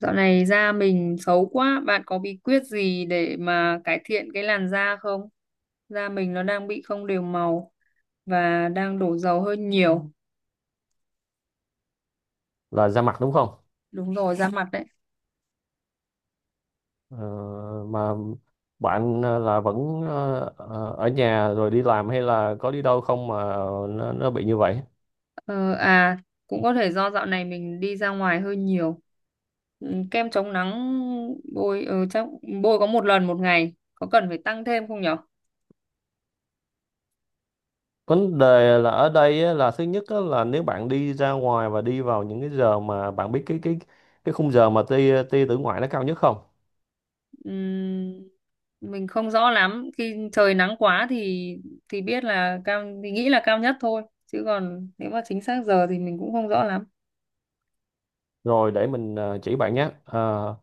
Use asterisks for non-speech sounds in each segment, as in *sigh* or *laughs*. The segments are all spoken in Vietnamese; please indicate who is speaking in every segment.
Speaker 1: Dạo này da mình xấu quá, bạn có bí quyết gì để mà cải thiện cái làn da không? Da mình nó đang bị không đều màu và đang đổ dầu hơi nhiều.
Speaker 2: Là ra mặt đúng không?
Speaker 1: Đúng rồi, da mặt đấy.
Speaker 2: Ờ, mà bạn là vẫn ở nhà rồi đi làm hay là có đi đâu không mà nó bị như vậy?
Speaker 1: Ờ, à, Cũng có thể do dạo này mình đi ra ngoài hơi nhiều. Ừ, kem chống nắng chắc bôi có một lần một ngày, có cần phải tăng thêm không nhỉ?
Speaker 2: Vấn đề là ở đây á, là thứ nhất á, là nếu bạn đi ra ngoài và đi vào những cái giờ mà bạn biết cái khung giờ mà tia tia tử ngoại nó cao nhất không?
Speaker 1: Ừm, mình không rõ lắm khi trời nắng quá thì biết là cao thì nghĩ là cao nhất thôi chứ còn nếu mà chính xác giờ thì mình cũng không rõ lắm.
Speaker 2: Rồi để mình chỉ bạn nhé. Ờ,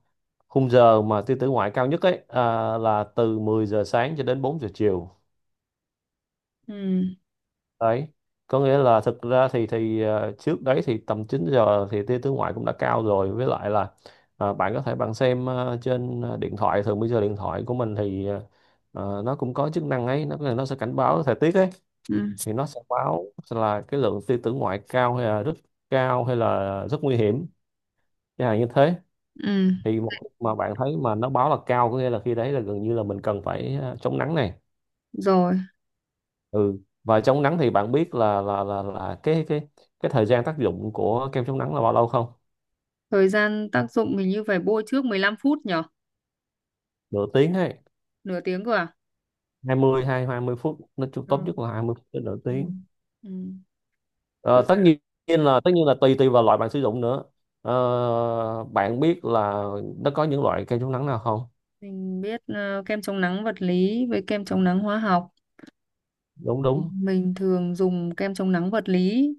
Speaker 2: Khung giờ mà tia tử ngoại cao nhất ấy à, là từ 10 giờ sáng cho đến 4 giờ chiều.
Speaker 1: Ừm,
Speaker 2: Đấy, có nghĩa là thực ra thì trước đấy thì tầm 9 giờ thì tia tướng ngoại cũng đã cao rồi, với lại là bạn có thể bạn xem trên điện thoại, thường bây giờ điện thoại của mình thì nó cũng có chức năng ấy, nó sẽ cảnh báo thời tiết ấy.
Speaker 1: ừm,
Speaker 2: Thì nó sẽ báo là cái lượng tia tử ngoại cao hay là rất cao hay là rất nguy hiểm chẳng hạn như thế.
Speaker 1: ừm,
Speaker 2: Thì một mà bạn thấy mà nó báo là cao có nghĩa là khi đấy là gần như là mình cần phải chống nắng này.
Speaker 1: rồi
Speaker 2: Ừ, và chống nắng thì bạn biết là cái thời gian tác dụng của kem chống nắng là bao lâu không?
Speaker 1: thời gian tác dụng mình như phải bôi trước 15 phút nhở?
Speaker 2: Nửa tiếng hay
Speaker 1: Nửa tiếng cơ à?
Speaker 2: 20 hay 20 phút, tốt
Speaker 1: Ừ.
Speaker 2: nhất là 20 phút đến nửa tiếng.
Speaker 1: Ừm. Ừm.
Speaker 2: Ờ,
Speaker 1: Với
Speaker 2: tất
Speaker 1: cả
Speaker 2: nhiên tất nhiên là tùy tùy vào loại bạn sử dụng nữa. Bạn biết là nó có những loại kem chống nắng nào không?
Speaker 1: mình biết kem chống nắng vật lý với kem chống nắng hóa học.
Speaker 2: Đúng, đúng.
Speaker 1: Mình thường dùng kem chống nắng vật lý,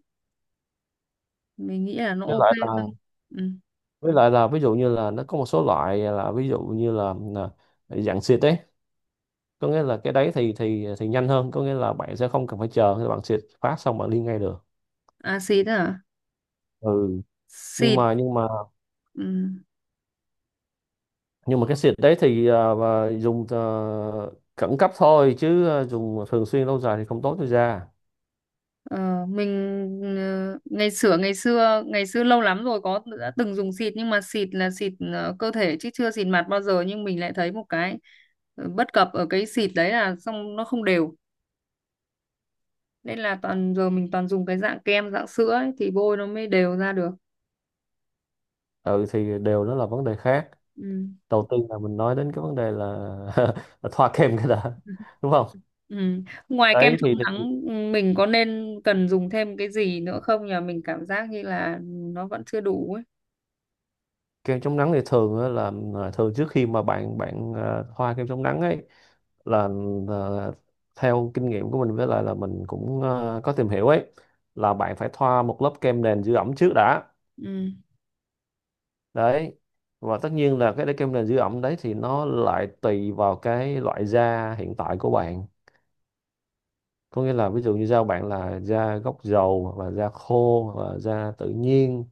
Speaker 1: mình nghĩ là nó
Speaker 2: với
Speaker 1: ok
Speaker 2: lại là
Speaker 1: hơn. Ừm.
Speaker 2: với lại là ví dụ như là nó có một số loại là ví dụ như là dạng xịt ấy, có nghĩa là cái đấy thì nhanh hơn, có nghĩa là bạn sẽ không cần phải chờ, khi bạn xịt phát xong bạn đi ngay được.
Speaker 1: À, xịt à?
Speaker 2: Ừ, nhưng
Speaker 1: Xịt.
Speaker 2: mà nhưng mà
Speaker 1: Ừ.
Speaker 2: nhưng mà cái xịt đấy thì và dùng khẩn cấp thôi chứ dùng thường xuyên lâu dài thì không tốt cho da.
Speaker 1: Ờ, mình ngày xưa ngày xưa ngày xưa lâu lắm rồi có đã từng dùng xịt nhưng mà xịt là xịt cơ thể chứ chưa xịt mặt bao giờ, nhưng mình lại thấy một cái bất cập ở cái xịt đấy là xong nó không đều, nên là toàn giờ mình toàn dùng cái dạng kem dạng sữa ấy, thì bôi nó mới đều ra được.
Speaker 2: Ừ thì đều đó là vấn đề khác.
Speaker 1: Ừ.
Speaker 2: Đầu tiên là mình nói đến cái vấn đề là, *laughs* là thoa kem cái đã, đúng không?
Speaker 1: Ừ. Ngoài kem
Speaker 2: Đấy thì,
Speaker 1: chống
Speaker 2: thì
Speaker 1: nắng mình có nên cần dùng thêm cái gì nữa không nhờ, mình cảm giác như là nó vẫn chưa đủ ấy.
Speaker 2: kem chống nắng thì thường á là thường trước khi mà bạn bạn thoa kem chống nắng ấy là, ờ, theo kinh nghiệm của mình với lại là mình cũng có tìm hiểu ấy, là bạn phải thoa một lớp kem nền giữ ẩm trước đã.
Speaker 1: Ừ.
Speaker 2: Đấy, và tất nhiên là cái kem nền giữ ẩm đấy thì nó lại tùy vào cái loại da hiện tại của bạn. Có nghĩa là ví dụ như da bạn là da gốc dầu hoặc là da khô hoặc là da tự nhiên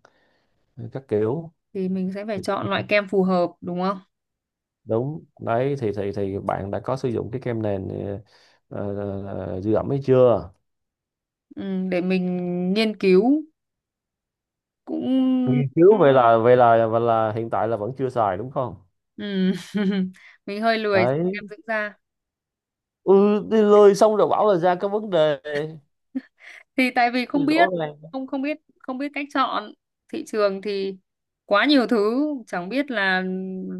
Speaker 2: các kiểu.
Speaker 1: Thì mình sẽ phải
Speaker 2: Thì
Speaker 1: chọn loại kem phù hợp đúng không?
Speaker 2: đúng đấy thì bạn đã có sử dụng cái kem nền, giữ ẩm ấy chưa?
Speaker 1: Ừ, để mình nghiên cứu cũng.
Speaker 2: Nghiên cứu. Vậy là hiện tại là vẫn chưa xài đúng không?
Speaker 1: Ừ. *laughs* Mình hơi lười kem
Speaker 2: Đấy,
Speaker 1: dưỡng da.
Speaker 2: ừ, đi lười xong rồi bảo là da có vấn đề
Speaker 1: Thì tại vì
Speaker 2: thì rõ ràng.
Speaker 1: không biết cách chọn. Thị trường thì quá nhiều thứ, chẳng biết là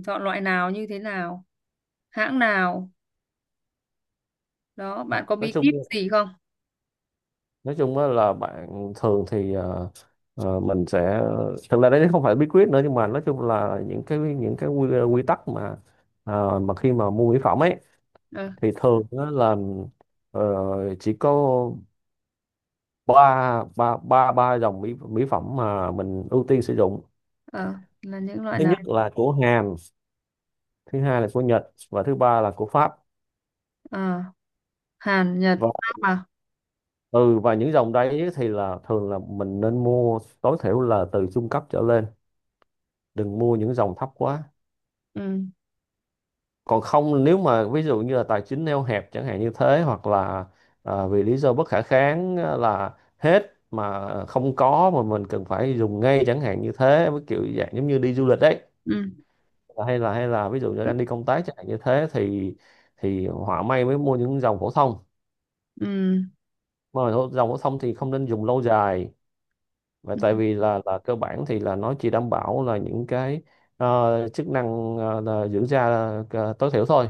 Speaker 1: chọn loại nào như thế nào, hãng nào. Đó, bạn có
Speaker 2: nói
Speaker 1: bí
Speaker 2: chung
Speaker 1: kíp gì không?
Speaker 2: nói chung á là bạn thường thì mình sẽ, thực ra đấy không phải bí quyết nữa nhưng mà nói chung là những cái quy tắc mà khi mà mua mỹ phẩm ấy,
Speaker 1: ờ
Speaker 2: thì thường á là ờ, chỉ có ba ba ba ba dòng mỹ mỹ phẩm mà mình ưu tiên sử dụng.
Speaker 1: ờ, là những loại
Speaker 2: Thứ
Speaker 1: nào?
Speaker 2: nhất là của Hàn, thứ hai là của Nhật và thứ ba là của Pháp.
Speaker 1: ờ Hàn, Nhật,
Speaker 2: và
Speaker 1: Pháp à?
Speaker 2: ừ và những dòng đấy thì là thường là mình nên mua tối thiểu là từ trung cấp trở lên, đừng mua những dòng thấp quá.
Speaker 1: Ừ,
Speaker 2: Còn không, nếu mà ví dụ như là tài chính eo hẹp chẳng hạn như thế, hoặc là vì lý do bất khả kháng à, là hết mà không có mà mình cần phải dùng ngay chẳng hạn như thế, với kiểu dạng giống như đi du lịch đấy.
Speaker 1: ừ,
Speaker 2: Hay là ví dụ như đang đi công tác chẳng hạn như thế thì họa may mới mua những dòng phổ thông,
Speaker 1: ừ,
Speaker 2: mà dòng phổ thông thì không nên dùng lâu dài. Và
Speaker 1: ừ.
Speaker 2: tại vì là cơ bản thì là nó chỉ đảm bảo là những cái chức năng là giữ da tối thiểu thôi.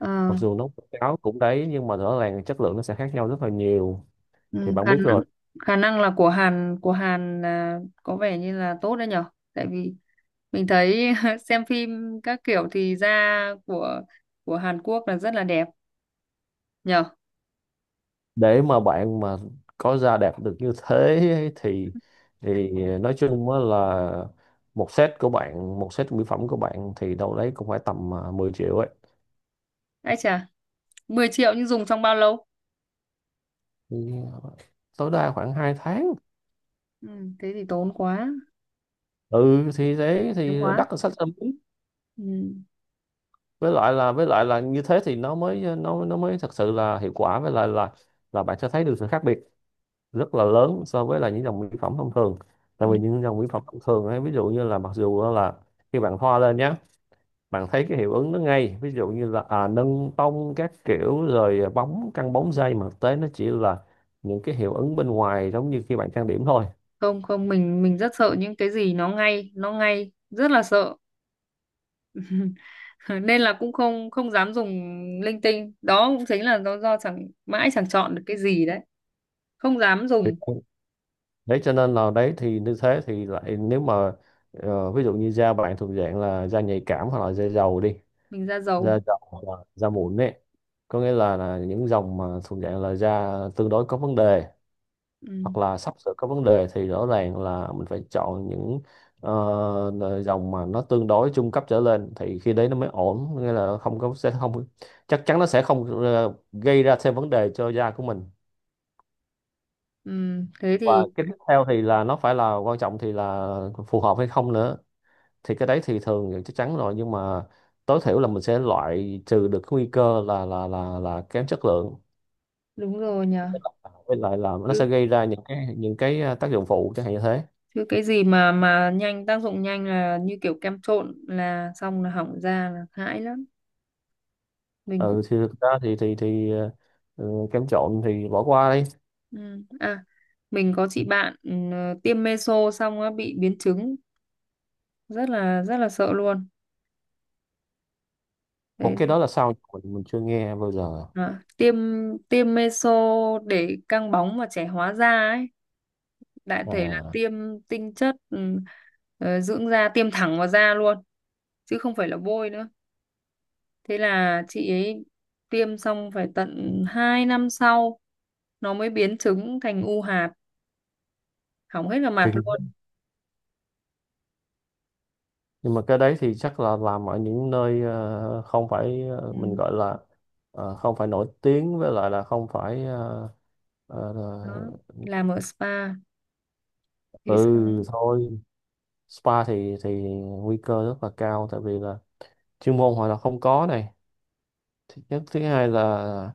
Speaker 1: ờ
Speaker 2: Mặc dù nấu cháo cũng đấy nhưng mà rõ ràng chất lượng nó sẽ khác nhau rất là nhiều, thì
Speaker 1: Ừ,
Speaker 2: bạn
Speaker 1: khả
Speaker 2: biết
Speaker 1: năng
Speaker 2: rồi.
Speaker 1: khả năng là của Hàn là có vẻ như là tốt đấy nhở, tại vì mình thấy *laughs* xem phim các kiểu thì da của của Hàn Quốc là rất là đẹp nhở.
Speaker 2: Để mà bạn mà có ra đạt được như thế *laughs* ấy thì nói chung á là một set mỹ phẩm của bạn thì đâu đấy cũng phải tầm 10 triệu ấy.
Speaker 1: Ấy chà, 10 triệu nhưng dùng trong bao lâu?
Speaker 2: Thì tối đa khoảng 2 tháng.
Speaker 1: Ừ, thế thì tốn quá,
Speaker 2: Ừ thì thế
Speaker 1: tốn
Speaker 2: thì
Speaker 1: quá.
Speaker 2: đắt hơn sách âm lý.
Speaker 1: Ừ.
Speaker 2: Với lại là như thế thì nó mới thật sự là hiệu quả, với lại là bạn sẽ thấy được sự khác biệt rất là lớn so với là những dòng mỹ phẩm thông thường.
Speaker 1: Ừ.
Speaker 2: Tại vì những dòng mỹ phẩm thông thường ấy, ví dụ như là mặc dù là khi bạn thoa lên nhé, bạn thấy cái hiệu ứng nó ngay, ví dụ như là nâng tông các kiểu rồi bóng căng bóng dây, mà thực tế nó chỉ là những cái hiệu ứng bên ngoài giống như khi bạn trang điểm thôi.
Speaker 1: Không, không, mình rất sợ những cái gì nó ngay, nó ngay rất là sợ. *laughs* Nên là cũng không không dám dùng linh tinh. Đó cũng chính là do chẳng mãi chẳng chọn được cái gì đấy, không dám dùng.
Speaker 2: Thì- Đấy cho nên là đấy thì như thế thì lại, nếu mà ví dụ như da bạn thuộc dạng là da nhạy cảm hoặc là da dầu đi,
Speaker 1: Mình ra dầu.
Speaker 2: da dầu hoặc là da mụn ấy, có nghĩa là những dòng mà thuộc dạng là da tương đối có vấn đề
Speaker 1: Ừ.
Speaker 2: hoặc là sắp sửa có vấn đề thì rõ ràng là mình phải chọn những dòng mà nó tương đối trung cấp trở lên thì khi đấy nó mới ổn, nghĩa là không có, sẽ không, chắc chắn nó sẽ không gây ra thêm vấn đề cho da của mình.
Speaker 1: Ừ. Thế
Speaker 2: Và
Speaker 1: thì
Speaker 2: cái tiếp theo thì là nó phải là quan trọng thì là phù hợp hay không nữa, thì cái đấy thì thường thì chắc chắn rồi, nhưng mà tối thiểu là mình sẽ loại trừ được cái nguy cơ là kém chất lượng.
Speaker 1: đúng rồi nhờ.
Speaker 2: Với lại là nó
Speaker 1: chứ,
Speaker 2: sẽ gây ra những cái tác dụng phụ chẳng hạn như thế.
Speaker 1: chứ cái gì mà nhanh tác dụng nhanh là như kiểu kem trộn là xong là hỏng da là hãi lắm, mình cũng.
Speaker 2: Ừ thì thực ra thì ừ, kem trộn thì bỏ qua đi.
Speaker 1: Ừ. À, mình có chị bạn tiêm meso xong á bị biến chứng, rất là sợ luôn.
Speaker 2: Ủa, cái
Speaker 1: Đấy.
Speaker 2: đó là sao? Mình chưa nghe bao giờ.
Speaker 1: À, tiêm tiêm meso để căng bóng và trẻ hóa da ấy, đại thể là
Speaker 2: à
Speaker 1: tiêm tinh chất, dưỡng da tiêm thẳng vào da luôn chứ không phải là bôi nữa. Thế là chị ấy tiêm xong phải tận 2 năm sau nó mới biến chứng thành u hạt, hỏng hết cả mặt luôn.
Speaker 2: Kinh, nhưng mà cái đấy thì chắc là làm ở những nơi không phải mình
Speaker 1: Ừ.
Speaker 2: gọi là không phải nổi tiếng, với lại là không phải ờ,
Speaker 1: Đó,
Speaker 2: ờ,
Speaker 1: làm ở spa
Speaker 2: ừ
Speaker 1: thì xong.
Speaker 2: thôi, spa thì nguy cơ rất là cao tại vì là chuyên môn họ là không có này, thứ nhất. Thứ hai là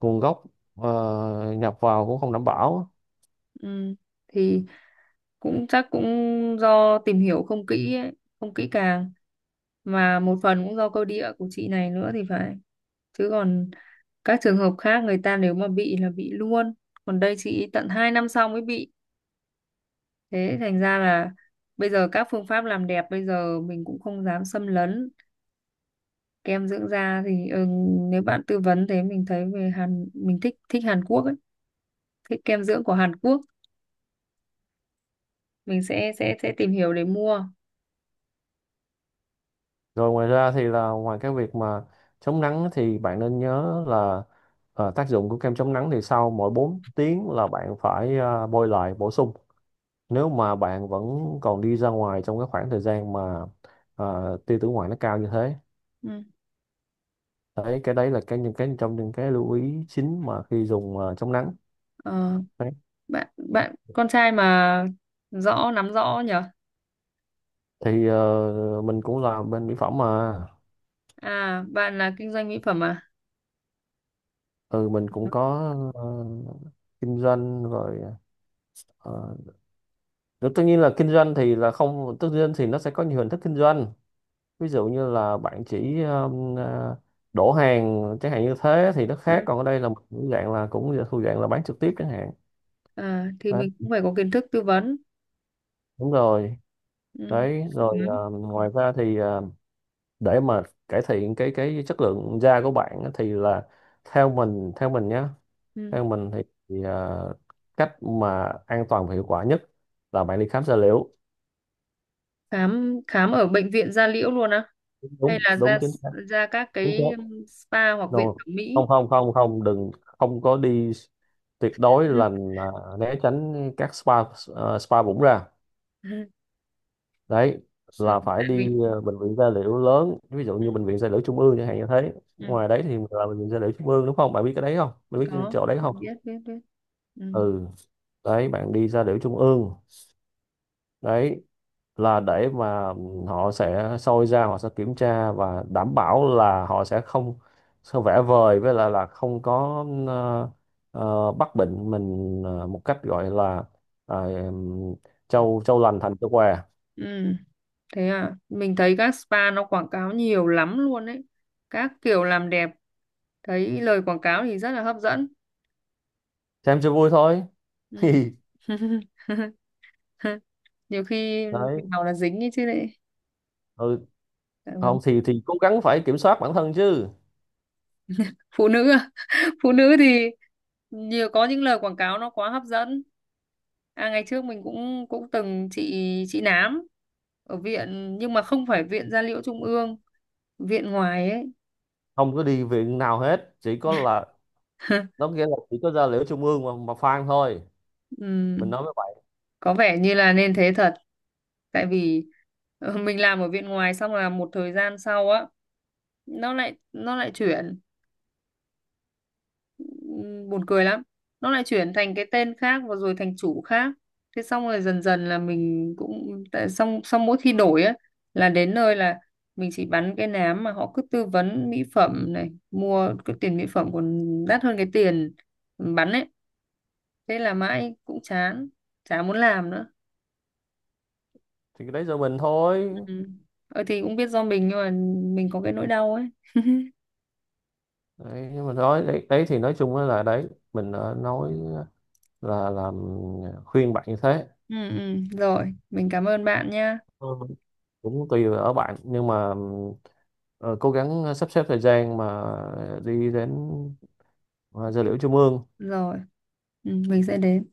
Speaker 2: nguồn gốc nhập vào cũng không đảm bảo.
Speaker 1: ừ, thì cũng chắc cũng do tìm hiểu không kỹ ấy, không kỹ càng mà một phần cũng do cơ địa của chị này nữa thì phải. Chứ còn các trường hợp khác người ta nếu mà bị là bị luôn, còn đây chị tận 2 năm sau mới bị. Thế thành ra là bây giờ các phương pháp làm đẹp bây giờ mình cũng không dám xâm lấn. Kem dưỡng da thì nếu bạn tư vấn thế, mình thấy về Hàn mình thích thích Hàn Quốc ấy, thích kem dưỡng của Hàn Quốc, mình sẽ tìm hiểu để mua.
Speaker 2: Rồi, ngoài ra thì là ngoài cái việc mà chống nắng thì bạn nên nhớ là tác dụng của kem chống nắng thì sau mỗi 4 tiếng là bạn phải bôi lại bổ sung. Nếu mà bạn vẫn còn đi ra ngoài trong cái khoảng thời gian mà tia tử ngoại nó cao như thế.
Speaker 1: Ừ.
Speaker 2: Đấy, cái đấy là cái, những cái trong những cái lưu ý chính mà khi dùng chống nắng.
Speaker 1: Ờ,
Speaker 2: Đấy.
Speaker 1: bạn bạn con trai mà nắm rõ nhở?
Speaker 2: Thì mình cũng là bên mỹ phẩm mà.
Speaker 1: À, bạn là kinh doanh mỹ phẩm à?
Speaker 2: Ừ, mình cũng có ờ, kinh doanh rồi ờ, đó, tất nhiên là kinh doanh thì là không, tất nhiên thì nó sẽ có nhiều hình thức kinh doanh, ví dụ như là bạn chỉ đổ hàng chẳng hạn như thế thì nó khác,
Speaker 1: Ừ.
Speaker 2: còn ở đây là một cái dạng là cũng thuộc dạng là bán trực tiếp chẳng hạn.
Speaker 1: À, thì
Speaker 2: Đấy,
Speaker 1: mình cũng phải có kiến thức tư vấn.
Speaker 2: đúng rồi.
Speaker 1: Ừ.
Speaker 2: Đấy rồi,
Speaker 1: Khám.
Speaker 2: ngoài ra thì để mà cải thiện cái chất lượng da của bạn á, thì là theo mình nhé,
Speaker 1: Ừ.
Speaker 2: theo mình thì cách mà an toàn và hiệu quả nhất là bạn đi khám da liễu.
Speaker 1: Khám khám ở bệnh viện da liễu luôn á. Hay
Speaker 2: Đúng,
Speaker 1: là
Speaker 2: đúng,
Speaker 1: ra
Speaker 2: chính xác.
Speaker 1: ra các
Speaker 2: Đúng thế.
Speaker 1: cái spa hoặc viện
Speaker 2: No.
Speaker 1: thẩm
Speaker 2: Không,
Speaker 1: mỹ?
Speaker 2: không, không, không, đừng. Không có đi, tuyệt đối là
Speaker 1: *laughs*
Speaker 2: là né tránh các spa, spa bụng ra
Speaker 1: Ừ,
Speaker 2: đấy. Là phải
Speaker 1: tại
Speaker 2: đi
Speaker 1: vì
Speaker 2: bệnh viện da liễu lớn, ví dụ như bệnh viện da liễu Trung ương chẳng hạn, như thế
Speaker 1: ừ,
Speaker 2: ngoài đấy thì là bệnh viện da liễu Trung ương đúng không, bạn biết cái đấy không, bạn biết cái
Speaker 1: có,
Speaker 2: chỗ đấy không?
Speaker 1: biết, biết, biết. Ừ.
Speaker 2: Ừ, đấy, bạn đi da liễu Trung ương. Đấy là để mà họ sẽ soi ra, họ sẽ kiểm tra và đảm bảo là họ sẽ không, sẽ vẽ vời với lại là không có bắt bệnh mình một cách gọi là ờ, trâu trâu lành thành trâu què.
Speaker 1: Ừ. Thế à, mình thấy các spa nó quảng cáo nhiều lắm luôn đấy, các kiểu làm đẹp, thấy lời quảng cáo thì rất là hấp dẫn.
Speaker 2: Xem cho vui thôi.
Speaker 1: Ừ.
Speaker 2: *laughs*
Speaker 1: *laughs* Nhiều khi
Speaker 2: Đấy.
Speaker 1: nào là dính ấy chứ lại.
Speaker 2: Ừ.
Speaker 1: Đáng lắm.
Speaker 2: Không thì cố gắng phải kiểm soát bản thân chứ.
Speaker 1: Phụ nữ à? *laughs* Phụ nữ thì nhiều có những lời quảng cáo nó quá hấp dẫn. À, ngày trước mình cũng cũng từng trị trị nám ở viện nhưng mà không phải viện da liễu trung ương, viện ngoài ấy.
Speaker 2: Không có đi viện nào hết, chỉ có là
Speaker 1: *laughs*
Speaker 2: nó nghĩa là chỉ có ra liễu trung ương mà phang thôi, mình
Speaker 1: Ừm.
Speaker 2: nói với bạn.
Speaker 1: Có vẻ như là nên thế thật, tại vì mình làm ở viện ngoài xong là một thời gian sau á nó lại chuyển. Buồn cười lắm. Nó lại chuyển thành cái tên khác và rồi thành chủ khác. Thế xong rồi, dần dần là mình cũng tại xong xong mỗi khi đổi á là đến nơi là mình chỉ bắn cái nám mà họ cứ tư vấn mỹ phẩm này, mua cái tiền mỹ phẩm còn đắt hơn cái tiền bắn ấy. Thế là mãi cũng chán, chả muốn làm nữa.
Speaker 2: Thì cái đấy do mình thôi.
Speaker 1: Ừ. Thì cũng biết do mình nhưng mà mình có cái nỗi đau ấy.
Speaker 2: Đấy, nhưng mà nói đấy, đấy thì nói chung là đấy, mình đã nói, là làm, khuyên bạn như thế.
Speaker 1: Ừ, ừ. Rồi mình cảm ơn bạn nha.
Speaker 2: Ừ, cũng tùy ở bạn nhưng mà ờ, cố gắng sắp xếp thời gian mà đi đến ờ, giờ liễu trung ương.
Speaker 1: Rồi. Ừ, mình sẽ đến.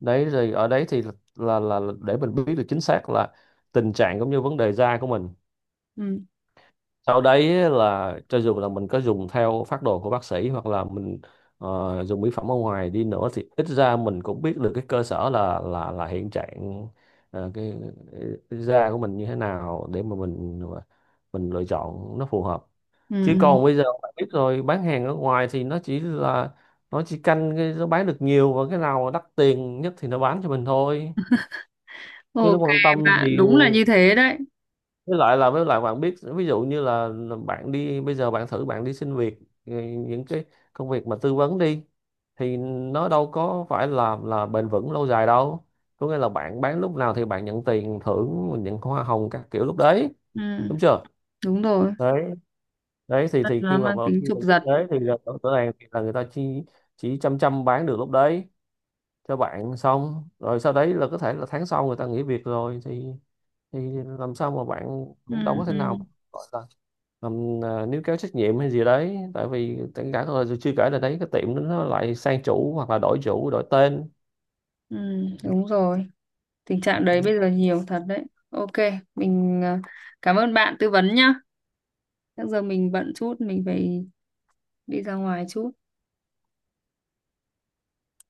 Speaker 2: Đấy rồi, ở đấy thì là để mình biết được chính xác là tình trạng cũng như vấn đề da của mình.
Speaker 1: Ừ.
Speaker 2: Sau đấy là cho dù là mình có dùng theo phác đồ của bác sĩ hoặc là mình dùng mỹ phẩm ở ngoài đi nữa thì ít ra mình cũng biết được cái cơ sở là hiện trạng, ờ, cái, cái da của mình như thế nào để mà mình lựa chọn nó phù hợp.
Speaker 1: Ừ.
Speaker 2: Chứ
Speaker 1: Ừ.
Speaker 2: còn bây giờ bạn biết rồi, bán hàng ở ngoài thì nó chỉ canh cái nó bán được nhiều và cái nào mà đắt tiền nhất thì nó bán cho mình thôi. Chứ nó
Speaker 1: Ok.
Speaker 2: quan tâm
Speaker 1: Bạn
Speaker 2: thì,
Speaker 1: đúng là như thế đấy.
Speaker 2: với lại bạn biết, ví dụ như là bạn đi bây giờ bạn thử bạn đi xin việc, ừ, những cái công việc mà tư vấn đi, thì nó đâu có phải là bền vững lâu dài đâu, có nghĩa là bạn bán lúc nào thì bạn nhận tiền thưởng nhận hoa hồng các kiểu lúc đấy,
Speaker 1: Ừ,
Speaker 2: đúng chưa?
Speaker 1: đúng rồi,
Speaker 2: Đấy đấy thì
Speaker 1: nó mang tính
Speaker 2: khi
Speaker 1: chụp
Speaker 2: mà như
Speaker 1: giật.
Speaker 2: thế thì là rõ rõ ràng thì là người ta chỉ chăm chăm bán được lúc đấy cho bạn, xong rồi sau đấy là có thể là tháng sau người ta nghỉ việc rồi thì thì làm sao mà bạn
Speaker 1: Ừ,
Speaker 2: cũng đâu có thể
Speaker 1: ừ,
Speaker 2: nào. Níu kéo trách nhiệm hay gì đấy tại vì rồi chưa kể là đấy cái tiệm đó nó lại sang chủ hoặc là đổi chủ đổi tên.
Speaker 1: ừ, đúng rồi. Tình trạng đấy bây giờ nhiều thật đấy. Ok, mình cảm ơn bạn tư vấn nhá, bây giờ mình bận chút, mình phải đi ra ngoài chút